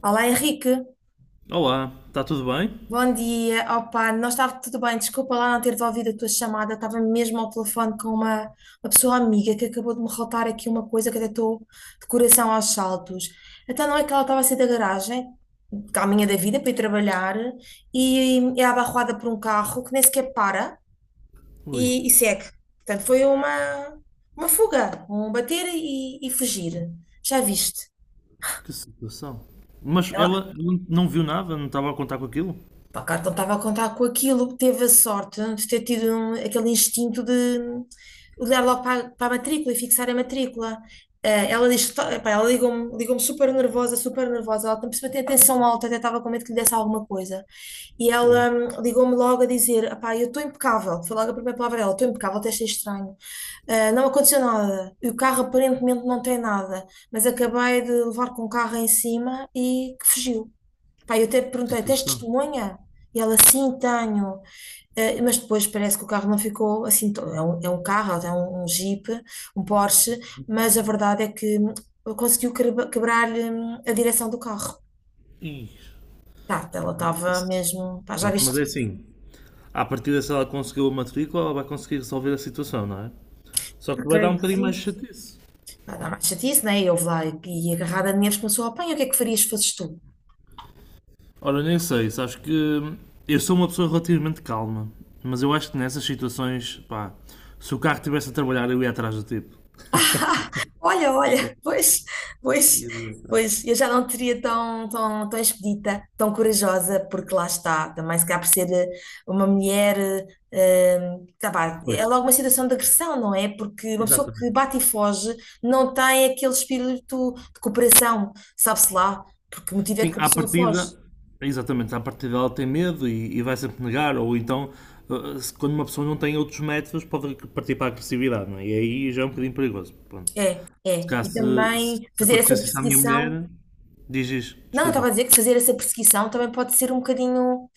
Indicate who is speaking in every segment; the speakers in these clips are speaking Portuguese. Speaker 1: Olá Henrique,
Speaker 2: Olá, está tudo bem?
Speaker 1: bom dia. Opa, não estava tudo bem, desculpa lá não ter devolvido a tua chamada, estava mesmo ao telefone com uma pessoa amiga que acabou de me relatar aqui uma coisa que até estou de coração aos saltos. Então não é que ela estava a sair da garagem, caminha da vida para ir trabalhar, e é abarroada por um carro que nem sequer para
Speaker 2: Ui,
Speaker 1: e segue. Portanto, foi uma fuga, um bater e fugir. Já viste?
Speaker 2: que situação. Mas
Speaker 1: Ela,
Speaker 2: ela não viu nada, não estava a contar com aquilo?
Speaker 1: pá, claro que não estava a contar com aquilo, teve a sorte de ter tido aquele instinto de olhar logo para, a para a matrícula e fixar a matrícula. Ela diz, pá, ligou-me super nervosa, ela por cima tem a tensão alta, até estava com medo que lhe desse alguma coisa. E
Speaker 2: Pô,
Speaker 1: ela ligou-me logo a dizer, "Epá, eu estou impecável, foi logo a primeira palavra dela, estou impecável, até achei estranho. Ah, não aconteceu nada. E o carro aparentemente não tem nada, mas acabei de levar com o carro em cima e que fugiu. Pá, eu até
Speaker 2: que
Speaker 1: perguntei, tens
Speaker 2: situação.
Speaker 1: testemunha? E ela, sim, tenho. Mas depois parece que o carro não ficou assim, é é é um Jeep, um Porsche, mas a verdade é que conseguiu quebrar-lhe a direção do carro.
Speaker 2: Ih,
Speaker 1: Tá, ela estava
Speaker 2: mas-
Speaker 1: mesmo, pá, já
Speaker 2: Pronto, mas
Speaker 1: viste
Speaker 2: é
Speaker 1: isso?
Speaker 2: assim. À partida, se ela conseguiu a matrícula, ela vai conseguir resolver a situação, não é? Só que
Speaker 1: Ah,
Speaker 2: vai dar
Speaker 1: creio
Speaker 2: um
Speaker 1: que
Speaker 2: bocadinho mais de
Speaker 1: sim.
Speaker 2: chatice.
Speaker 1: Pá, dá mais chatice, né? E houve lá e agarrada a dinheiros começou a apanhar, o que é que farias se fosses tu?
Speaker 2: Ora, nem sei, sabes que eu sou uma pessoa relativamente calma, mas eu acho que nessas situações, pá, se o carro estivesse a trabalhar, eu ia atrás do tipo.
Speaker 1: Olha, olha, pois, pois, pois, eu já não teria tão expedita, tão corajosa, porque lá está, também se calhar por ser uma mulher, tá vá,
Speaker 2: Pois,
Speaker 1: é logo uma situação de agressão, não é? Porque uma pessoa que
Speaker 2: exatamente.
Speaker 1: bate e foge não tem aquele espírito de cooperação, sabe-se lá, porque o motivo é
Speaker 2: Sim,
Speaker 1: que a
Speaker 2: à
Speaker 1: pessoa
Speaker 2: partida,
Speaker 1: foge.
Speaker 2: exatamente, à partida ela tem medo e vai sempre negar, ou então, quando uma pessoa não tem outros métodos, pode partir para a agressividade, não é? E aí já é um bocadinho perigoso. Pronto.
Speaker 1: É,
Speaker 2: Se
Speaker 1: é.
Speaker 2: calhar,
Speaker 1: E também
Speaker 2: se
Speaker 1: fazer essa
Speaker 2: acontecesse isso à minha
Speaker 1: perseguição,
Speaker 2: mulher, diz isso,
Speaker 1: não, eu estava
Speaker 2: desculpa.
Speaker 1: a dizer que fazer essa perseguição também pode ser um bocadinho.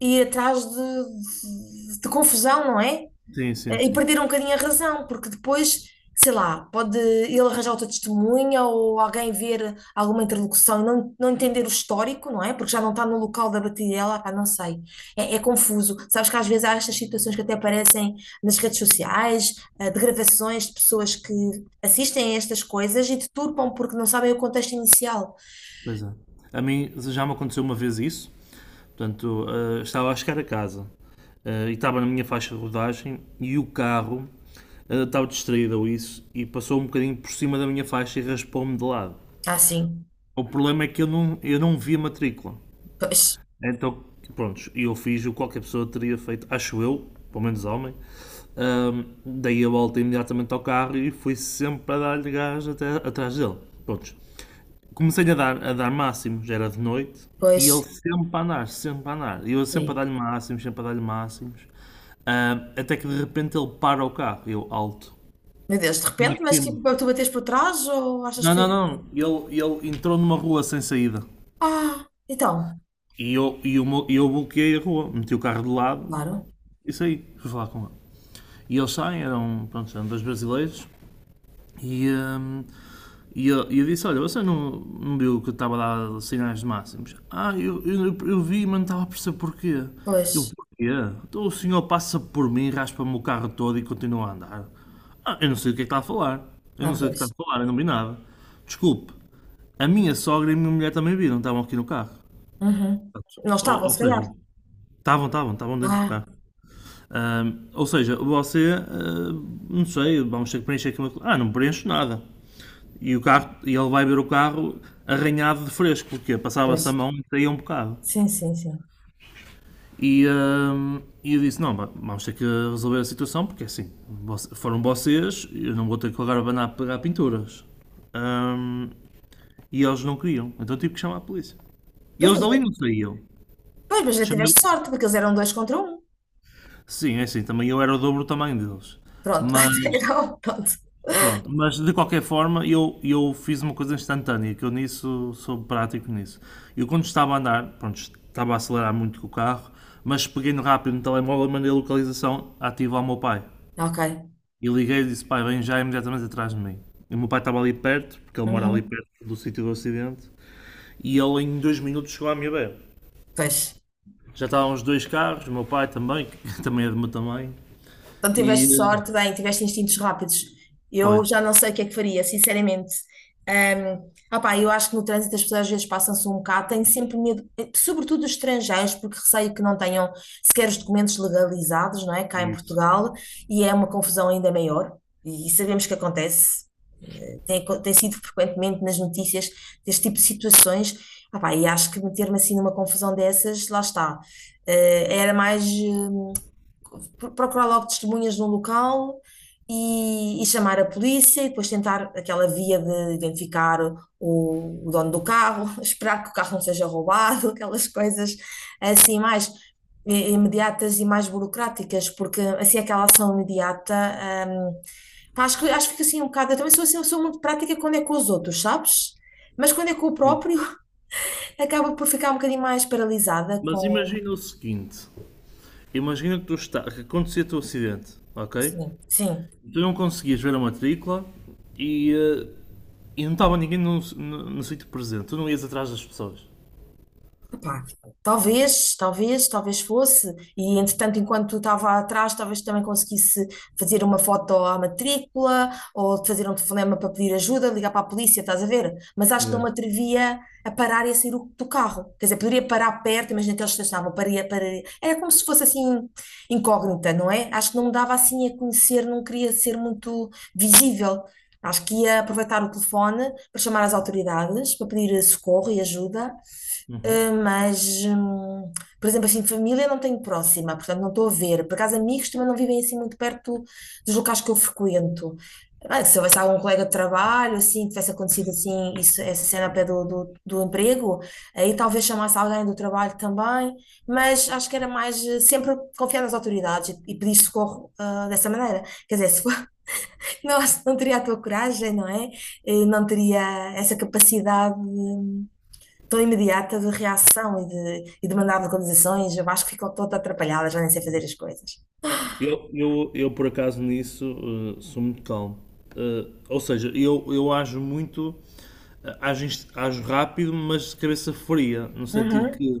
Speaker 1: Ir atrás de confusão, não é?
Speaker 2: Sim, sim,
Speaker 1: E
Speaker 2: sim.
Speaker 1: perder um bocadinho a razão, porque depois, sei lá, pode ele arranjar outra testemunha ou alguém ver alguma interlocução e não entender o histórico, não é? Porque já não está no local da batidela, pá, não sei. É, é confuso. Sabes que às vezes há estas situações que até aparecem nas redes sociais, de gravações de pessoas que assistem a estas coisas e deturpam porque não sabem o contexto inicial.
Speaker 2: Pois é. A mim já me aconteceu uma vez isso, portanto, estava a chegar a casa e estava na minha faixa de rodagem e o carro estava distraído ou isso e passou um bocadinho por cima da minha faixa e raspou-me de lado.
Speaker 1: Ah, sim.
Speaker 2: O problema é que eu não vi a matrícula.
Speaker 1: Pois,
Speaker 2: Então, pronto, eu fiz o que qualquer pessoa teria feito, acho eu, pelo menos homem. Ahm, Dei a volta imediatamente ao carro e fui sempre a dar-lhe gás até, atrás dele. Pronto. Comecei a dar máximo, já era de noite, e ele
Speaker 1: pois.
Speaker 2: sempre a andar, sempre a andar. E eu sempre a
Speaker 1: Sim.
Speaker 2: dar-lhe máximos, sempre a dar-lhe máximos. Até que de repente ele para o carro, eu alto.
Speaker 1: Meu Deus, de
Speaker 2: E ainda
Speaker 1: repente,
Speaker 2: por
Speaker 1: mas
Speaker 2: cima.
Speaker 1: tipo, tu bates por trás ou achas que
Speaker 2: Não,
Speaker 1: foi?
Speaker 2: não, não. Ele entrou numa rua sem saída.
Speaker 1: Ah, então,
Speaker 2: E eu, e eu, eu bloqueei a rua, meti o carro de lado
Speaker 1: claro.
Speaker 2: e saí, fui falar com ele. E eles saem, eram, pronto, eram dois brasileiros, e, hum, e eu disse, olha, você não, não viu que eu estava a dar sinais máximos? Ah, eu vi, mas não estava a perceber porquê.
Speaker 1: Pois,
Speaker 2: Eu, porquê? Então o senhor passa por mim, raspa-me o carro todo e continua a andar. Ah, eu não sei o que é que está a falar. Eu não
Speaker 1: ah,
Speaker 2: sei o que está a
Speaker 1: pois.
Speaker 2: falar, eu não vi nada. Desculpe, a minha sogra e a minha mulher também viram, estavam aqui no carro.
Speaker 1: Uhum. Não estavam,
Speaker 2: Ou, ou
Speaker 1: se calhar.
Speaker 2: seja, estavam dentro do
Speaker 1: Ah,
Speaker 2: carro. Ou seja, não sei, vamos ter que preencher aqui uma ah, não preencho nada. E o carro, e ele vai ver o carro arranhado de fresco, porque passava-se a
Speaker 1: pois.
Speaker 2: mão e saía um bocado.
Speaker 1: Sim, sim, sim.
Speaker 2: E, ahm, e eu disse, não, vamos ter que resolver a situação, porque é assim, foram vocês, eu não vou ter que agora abanar a pegar pinturas. Ahm, e eles não queriam, então tive que chamar a polícia. E
Speaker 1: Pois,
Speaker 2: eles
Speaker 1: mas,
Speaker 2: dali não saíam.
Speaker 1: pois, mas já
Speaker 2: Chamei...
Speaker 1: tiveste sorte, porque eles eram dois contra um.
Speaker 2: Sim, é assim, também eu era o dobro do tamanho deles.
Speaker 1: Pronto.
Speaker 2: Mas
Speaker 1: Então, pronto.
Speaker 2: pronto, mas de qualquer forma eu fiz uma coisa instantânea, que eu nisso sou prático nisso. Eu quando estava a andar, pronto, estava a acelerar muito com o carro, mas peguei no rápido no telemóvel, mandei a localização ativa ao meu pai.
Speaker 1: Ok.
Speaker 2: E liguei e disse, pai, vem já imediatamente atrás de mim. E o meu pai estava ali perto, porque ele mora ali
Speaker 1: Uhum.
Speaker 2: perto do sítio do acidente, e ele em dois minutos chegou à minha beira.
Speaker 1: Pois.
Speaker 2: Já estavam os dois carros, o meu pai também, que também é do meu tamanho,
Speaker 1: Então
Speaker 2: e
Speaker 1: tiveste sorte, bem, tiveste instintos rápidos.
Speaker 2: foi.
Speaker 1: Eu já não sei o que é que faria, sinceramente. Ahm, Opá, eu acho que no trânsito as pessoas às vezes passam-se um bocado, têm sempre medo, sobretudo os estrangeiros, porque receio que não tenham sequer os documentos legalizados, não é? Cá em
Speaker 2: Isso.
Speaker 1: Portugal, e é uma confusão ainda maior, e sabemos que acontece. Tem, tem sido frequentemente nas notícias deste tipo de situações. Opá, e acho que meter-me assim numa confusão dessas, lá está. Era mais. Procurar logo testemunhas no local e chamar a polícia e depois tentar aquela via de identificar o dono do carro, esperar que o carro não seja roubado, aquelas coisas assim mais imediatas e mais burocráticas, porque assim aquela ação imediata, hum, pá, acho que fica assim um bocado, eu também sou assim, eu sou muito prática quando é com os outros, sabes? Mas quando é com o próprio, acaba por ficar um bocadinho mais paralisada
Speaker 2: Mas
Speaker 1: com...
Speaker 2: imagina o seguinte, imagina que, que acontecia o acidente, ok?
Speaker 1: Sim, sim.
Speaker 2: Tu não conseguias ver a matrícula e, eh, e não estava ninguém no sítio presente. Tu não ias atrás das pessoas.
Speaker 1: Epá, talvez fosse. E entretanto, enquanto estava atrás, talvez também conseguisse fazer uma foto à matrícula ou fazer um telefonema para pedir ajuda, ligar para a polícia, estás a ver? Mas acho que
Speaker 2: Yeah.
Speaker 1: não me atrevia a parar e a sair do carro. Quer dizer, poderia parar perto, imagina que eles estacionavam, paria, paria. Era como se fosse assim incógnita, não é? Acho que não me dava assim a conhecer, não queria ser muito visível. Acho que ia aproveitar o telefone para chamar as autoridades, para pedir socorro e ajuda.
Speaker 2: Uhum.
Speaker 1: Uh, mas, hum, por exemplo, assim, família não tenho próxima, portanto não estou a ver. Por acaso, amigos também não vivem assim muito perto dos locais que eu frequento. Ah, se houvesse algum colega de trabalho, assim, tivesse acontecido assim, isso, essa cena a pé do emprego, aí talvez chamasse alguém do trabalho também, mas acho que era mais sempre confiar nas autoridades e pedir socorro, ah, dessa maneira. Quer dizer, se for, não, acho que não teria a tua coragem, não é? Não teria essa capacidade. Tão imediata de reação e de mandar localizações, eu acho que ficou toda atrapalhada, já nem sei fazer as coisas.
Speaker 2: Eu, por acaso, nisso sou muito calmo. Ou seja, eu ajo muito, ajo rápido, mas de cabeça fria, no sentido
Speaker 1: Uhum,
Speaker 2: que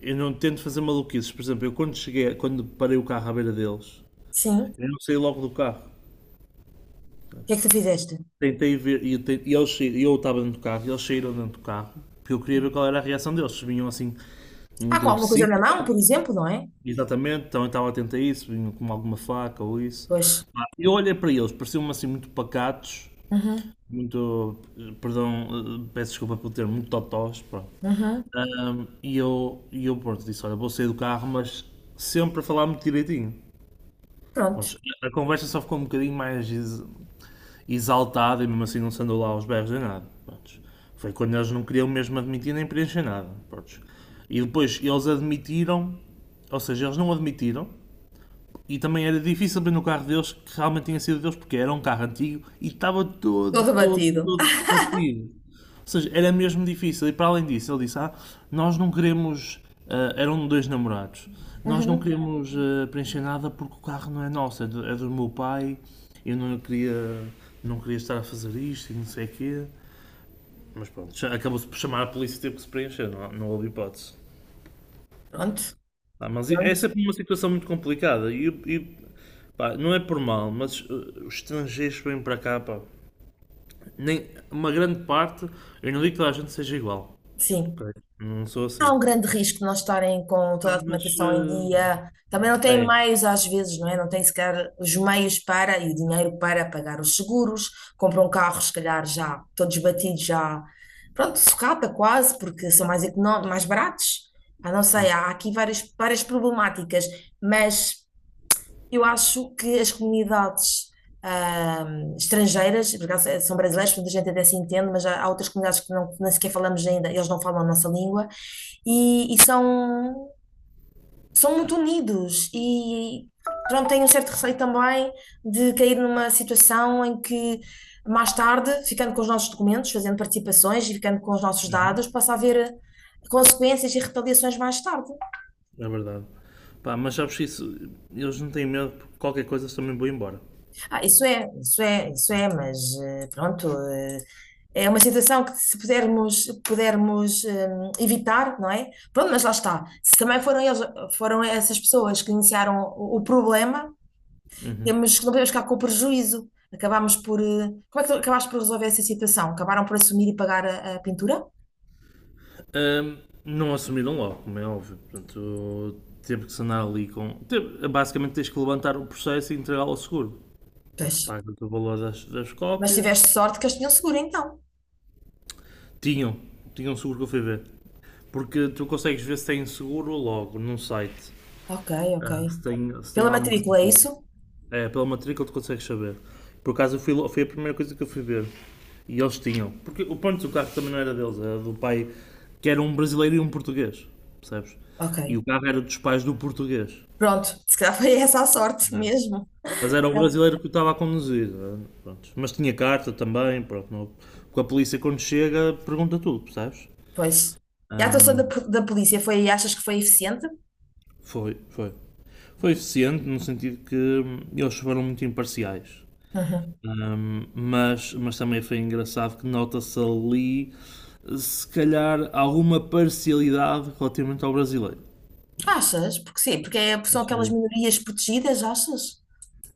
Speaker 2: eu não tento fazer maluquices. Por exemplo, eu quando cheguei, quando parei o carro à beira deles,
Speaker 1: sim. O
Speaker 2: eu não saí logo do carro.
Speaker 1: que é que tu fizeste?
Speaker 2: Tentei ver, e eu estava dentro do carro, e eles saíram dentro do carro, porque eu queria ver qual era a reação deles. Se vinham assim,
Speaker 1: Ah,
Speaker 2: muito
Speaker 1: com alguma coisa
Speaker 2: agressivos,
Speaker 1: na mão,
Speaker 2: né?
Speaker 1: por exemplo, não é?
Speaker 2: Exatamente, então eu estava atento a isso, vinham com alguma faca ou isso.
Speaker 1: Pois.
Speaker 2: Pá, eu olhei para eles, pareciam-me assim muito pacatos,
Speaker 1: Uhum,
Speaker 2: muito, perdão, peço desculpa pelo termo, muito totós, pronto.
Speaker 1: uhum.
Speaker 2: E eu pronto, disse, olha, vou sair do carro, mas sempre a falar muito direitinho.
Speaker 1: Pronto.
Speaker 2: Pronto, a conversa só ficou um bocadinho mais, exaltado e mesmo assim não se andou lá aos berros nem nada. Prontos. Foi quando eles não queriam mesmo admitir nem preencher nada. Prontos. E depois eles admitiram, ou seja, eles não admitiram e também era difícil abrir no carro deles que realmente tinha sido deles, porque era um carro antigo e estava
Speaker 1: Todo batido.
Speaker 2: todo partido. Ou seja, era mesmo difícil. E para além disso, ele disse: ah, nós não queremos. Ah, eram dois namorados. Nós não
Speaker 1: Uhum.
Speaker 2: queremos ah, preencher nada porque o carro não é nosso, é é do meu pai. Eu não queria, não queria estar a fazer isto e não sei o quê. Mas pronto, já acabou-se por chamar a polícia e teve que se preencher, não, não houve hipótese.
Speaker 1: Pronto,
Speaker 2: Ah, mas essa é
Speaker 1: pronto.
Speaker 2: sempre uma situação muito complicada. Pá, não é por mal, mas os estrangeiros que vêm para cá, pá, nem, uma grande parte, eu não digo que toda a gente seja igual.
Speaker 1: Sim.
Speaker 2: Ok? Não sou
Speaker 1: Há
Speaker 2: assim.
Speaker 1: um grande risco de não estarem com toda
Speaker 2: Pá,
Speaker 1: a
Speaker 2: mas
Speaker 1: documentação em dia. Também não têm
Speaker 2: é,
Speaker 1: meios, às vezes, não é? Não têm sequer os meios para e o dinheiro para pagar os seguros. Compram carros, se calhar, já todos batidos, já. Pronto, sucata quase, porque são mais, mais baratos. Ah, não sei,
Speaker 2: é,
Speaker 1: há aqui várias problemáticas, mas. Eu acho que as comunidades estrangeiras, por acaso são brasileiros muita gente até se entende, mas há outras comunidades que não, que nem sequer falamos ainda, eles não falam a nossa língua, e são, são muito unidos. E pronto, tenho um certo receio também de cair numa situação em que, mais tarde, ficando com os nossos documentos, fazendo participações e ficando com os nossos dados, possa haver consequências e retaliações mais tarde.
Speaker 2: é verdade. Pá, mas sabes que isso, eles não têm medo porque qualquer coisa eles também vão embora.
Speaker 1: Ah, isso é, mas pronto. É uma situação que se pudermos evitar, não é? Pronto, mas lá está. Se também foram eles, foram essas pessoas que iniciaram o problema, temos, não podemos ficar com o prejuízo. Acabámos por. Como é que tu acabaste por resolver essa situação? Acabaram por assumir e pagar a pintura?
Speaker 2: Ahm, não assumiram logo, como é óbvio. Portanto, teve que se andar ali com. Teve- basicamente tens que levantar o processo e entregá-lo ao seguro.
Speaker 1: Pois.
Speaker 2: Pronto, paga-te o valor das
Speaker 1: Mas
Speaker 2: cópias.
Speaker 1: tiveste sorte que eles tinham seguro, então.
Speaker 2: Tinham, tinham um seguro que eu fui ver. Porque tu consegues ver se tem seguro logo num site.
Speaker 1: Ok, ok.
Speaker 2: Ah, se tem
Speaker 1: Pela
Speaker 2: lá alguma coisa
Speaker 1: matrícula, é
Speaker 2: assim.
Speaker 1: isso?
Speaker 2: É, pela matrícula tu consegues saber. Por acaso foi a primeira coisa que eu fui ver. E eles tinham. Porque o ponto do carro também não era deles, era do pai, que era um brasileiro e um português. Percebes? E
Speaker 1: Ok.
Speaker 2: o carro era dos pais do português.
Speaker 1: Pronto, se calhar foi essa a sorte
Speaker 2: Né?
Speaker 1: mesmo.
Speaker 2: Mas era
Speaker 1: Se
Speaker 2: o
Speaker 1: calhar.
Speaker 2: brasileiro que o estava a conduzir. Né? Pronto. Mas tinha carta também, pronto. Porque a polícia quando chega pergunta tudo, percebes?
Speaker 1: Pois. E a atuação da, da polícia foi, achas que foi eficiente?
Speaker 2: Foi, foi. Foi eficiente no sentido que eles foram muito imparciais.
Speaker 1: Uhum.
Speaker 2: Mas também foi engraçado que nota-se ali, se calhar, alguma parcialidade relativamente ao brasileiro.
Speaker 1: Achas? Porque sim, são aquelas
Speaker 2: Achei.
Speaker 1: minorias protegidas, achas?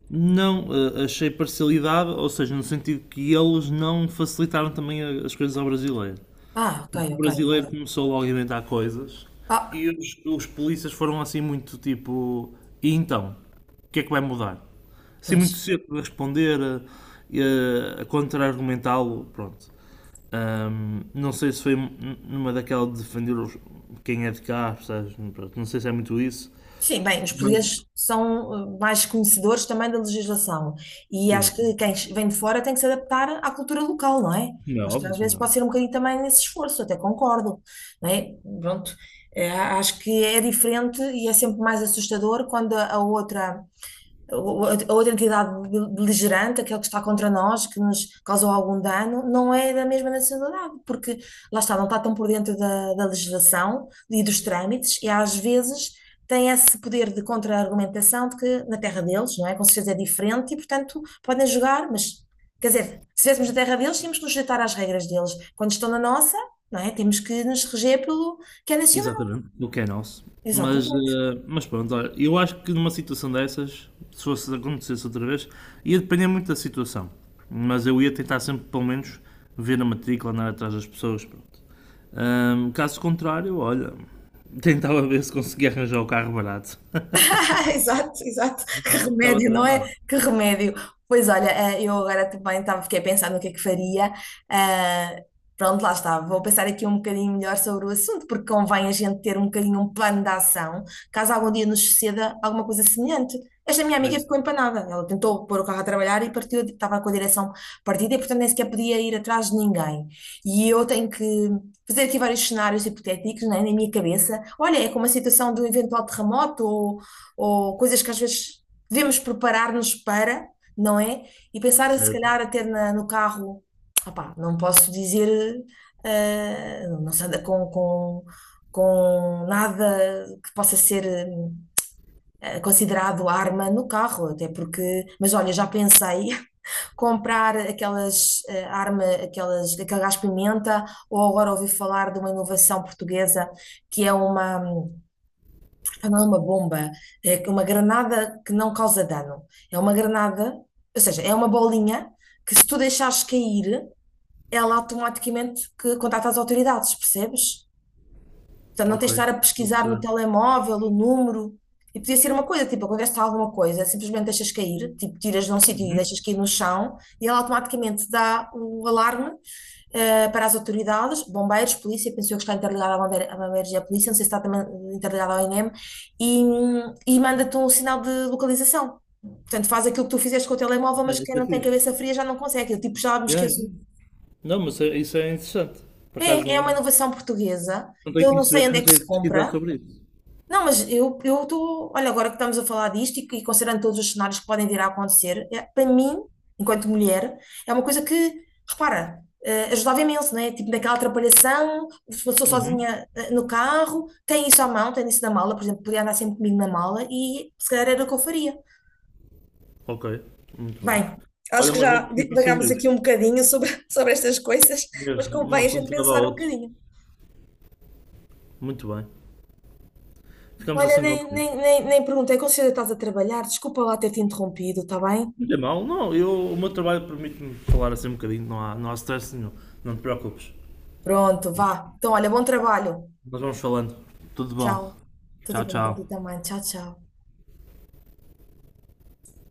Speaker 2: Não, achei parcialidade, ou seja, no sentido que eles não facilitaram também as coisas ao brasileiro.
Speaker 1: Ah, ok,
Speaker 2: O
Speaker 1: ok.
Speaker 2: brasileiro
Speaker 1: Ok.
Speaker 2: começou logo a inventar coisas
Speaker 1: Ah,
Speaker 2: e os polícias foram assim muito tipo, e então? O que é que vai mudar? Assim muito
Speaker 1: pois.
Speaker 2: cedo a responder, a contra-argumentá-lo, pronto. Não sei se foi numa daquela de defender quem é de cá, percebes? Pronto, não sei se é muito isso,
Speaker 1: Sim, bem, os
Speaker 2: mas
Speaker 1: portugueses são mais conhecedores também da legislação e
Speaker 2: sim,
Speaker 1: acho
Speaker 2: sim.
Speaker 1: que quem vem de fora tem que se adaptar à cultura local, não é?
Speaker 2: Como é
Speaker 1: Acho que
Speaker 2: óbvio,
Speaker 1: às
Speaker 2: como
Speaker 1: vezes
Speaker 2: é
Speaker 1: pode
Speaker 2: óbvio.
Speaker 1: ser um bocadinho também nesse esforço, até concordo, não é? Pronto, acho que é diferente e é sempre mais assustador quando a outra ou outra entidade beligerante, aquele que está contra nós, que nos causou algum dano, não é da mesma nacionalidade, porque lá está, não está tão por dentro da legislação e dos trâmites, e às vezes tem esse poder de contra-argumentação de que na terra deles, não é? Com certeza é diferente e, portanto, podem jogar, mas, quer dizer, se estivéssemos na terra deles, tínhamos que nos sujeitar às regras deles. Quando estão na nossa, não é? Temos que nos reger pelo que é nacional.
Speaker 2: Exatamente, do que é nosso. Mas,
Speaker 1: Exatamente.
Speaker 2: mas pronto, olha, eu acho que numa situação dessas, se fosse acontecesse outra vez, ia depender muito da situação. Mas eu ia tentar sempre, pelo menos, ver a matrícula, andar atrás das pessoas. Pronto. Caso contrário, olha, tentava ver se conseguia arranjar o carro barato.
Speaker 1: Exato, exato. Que
Speaker 2: Não, ficava
Speaker 1: remédio, não é?
Speaker 2: tramado.
Speaker 1: Que remédio. Pois olha, eu agora também estava, fiquei a pensar no que é que faria. Ah, pronto, lá está. Vou pensar aqui um bocadinho melhor sobre o assunto, porque convém a gente ter um bocadinho um plano de ação, caso algum dia nos suceda alguma coisa semelhante. Esta minha
Speaker 2: Mas,
Speaker 1: amiga ficou empanada. Ela tentou pôr o carro a trabalhar e partiu, estava com a direção partida e, portanto, nem sequer podia ir atrás de ninguém. E eu tenho que fazer aqui vários cenários hipotéticos, né, na minha cabeça. Olha, é como a situação do eventual terremoto ou coisas que às vezes devemos preparar-nos para, não é? E pensar, se
Speaker 2: certo.
Speaker 1: calhar, até no carro, opá, não posso dizer, não se anda com nada que possa ser considerado arma no carro, até porque, mas olha, já pensei comprar aquelas aquele gás pimenta, ou agora ouvi falar de uma inovação portuguesa que é uma ah, não é uma bomba, é que uma granada que não causa dano. É uma granada, ou seja, é uma bolinha que se tu deixares cair, ela automaticamente que contacta as autoridades, percebes? Portanto, não
Speaker 2: Ok,
Speaker 1: tens de estar a
Speaker 2: vou
Speaker 1: pesquisar no
Speaker 2: perceber.
Speaker 1: telemóvel o número. E podia ser uma coisa, tipo, acontece alguma coisa, simplesmente deixas cair, tipo, tiras de um sítio e deixas
Speaker 2: Uhum.
Speaker 1: cair no chão, e ela automaticamente dá o alarme para as autoridades, bombeiros, polícia, penso eu que está interligado à bombeiros e à polícia, não sei se está também interligado ao INEM, e manda-te um sinal de localização. Portanto, faz aquilo que tu fizeste com o telemóvel,
Speaker 2: É,
Speaker 1: mas quem
Speaker 2: isso é
Speaker 1: não tem
Speaker 2: fixe.
Speaker 1: cabeça fria já não consegue. Eu, tipo, já me
Speaker 2: Yeah, yeah.
Speaker 1: esqueço.
Speaker 2: Não, mas isso é interessante. Por acaso
Speaker 1: É, é uma
Speaker 2: não,
Speaker 1: inovação portuguesa.
Speaker 2: não tenho
Speaker 1: Eu não sei
Speaker 2: conhecimento,
Speaker 1: onde é
Speaker 2: mas
Speaker 1: que
Speaker 2: tenho
Speaker 1: se
Speaker 2: de pesquisar
Speaker 1: compra.
Speaker 2: sobre isso.
Speaker 1: Não, mas eu estou. Olha, agora que estamos a falar disto e considerando todos os cenários que podem vir a acontecer, é- para mim, enquanto mulher, é uma coisa que, repara, ajudava imenso, não é? Tipo, naquela atrapalhação, se passou
Speaker 2: Uhum.
Speaker 1: sozinha no carro, tem isso à mão, tem isso na mala, por exemplo, podia andar sempre comigo na mala e se calhar era o que eu faria.
Speaker 2: Ok, muito bem.
Speaker 1: Bem, acho
Speaker 2: Olha,
Speaker 1: que
Speaker 2: mas vou
Speaker 1: já
Speaker 2: pesquisar
Speaker 1: divagámos
Speaker 2: sobre
Speaker 1: aqui
Speaker 2: isso.
Speaker 1: um bocadinho sobre, sobre estas coisas, mas
Speaker 2: Mesmo, um
Speaker 1: convém a gente
Speaker 2: assunto leva a
Speaker 1: pensar um
Speaker 2: outro.
Speaker 1: bocadinho.
Speaker 2: Muito bem. Ficamos
Speaker 1: Olha,
Speaker 2: assim combinados.
Speaker 1: nem perguntei, considera que estás a trabalhar? Desculpa lá ter-te interrompido, está bem?
Speaker 2: Não é mal, não. Eu, o meu trabalho permite-me falar assim um bocadinho. Não há stress nenhum. Não te preocupes.
Speaker 1: Pronto, vá. Então, olha, bom trabalho.
Speaker 2: Nós vamos falando. Tudo bom.
Speaker 1: Tchau. Tudo
Speaker 2: Tchau,
Speaker 1: bom para ti
Speaker 2: tchau.
Speaker 1: também. Tchau, tchau.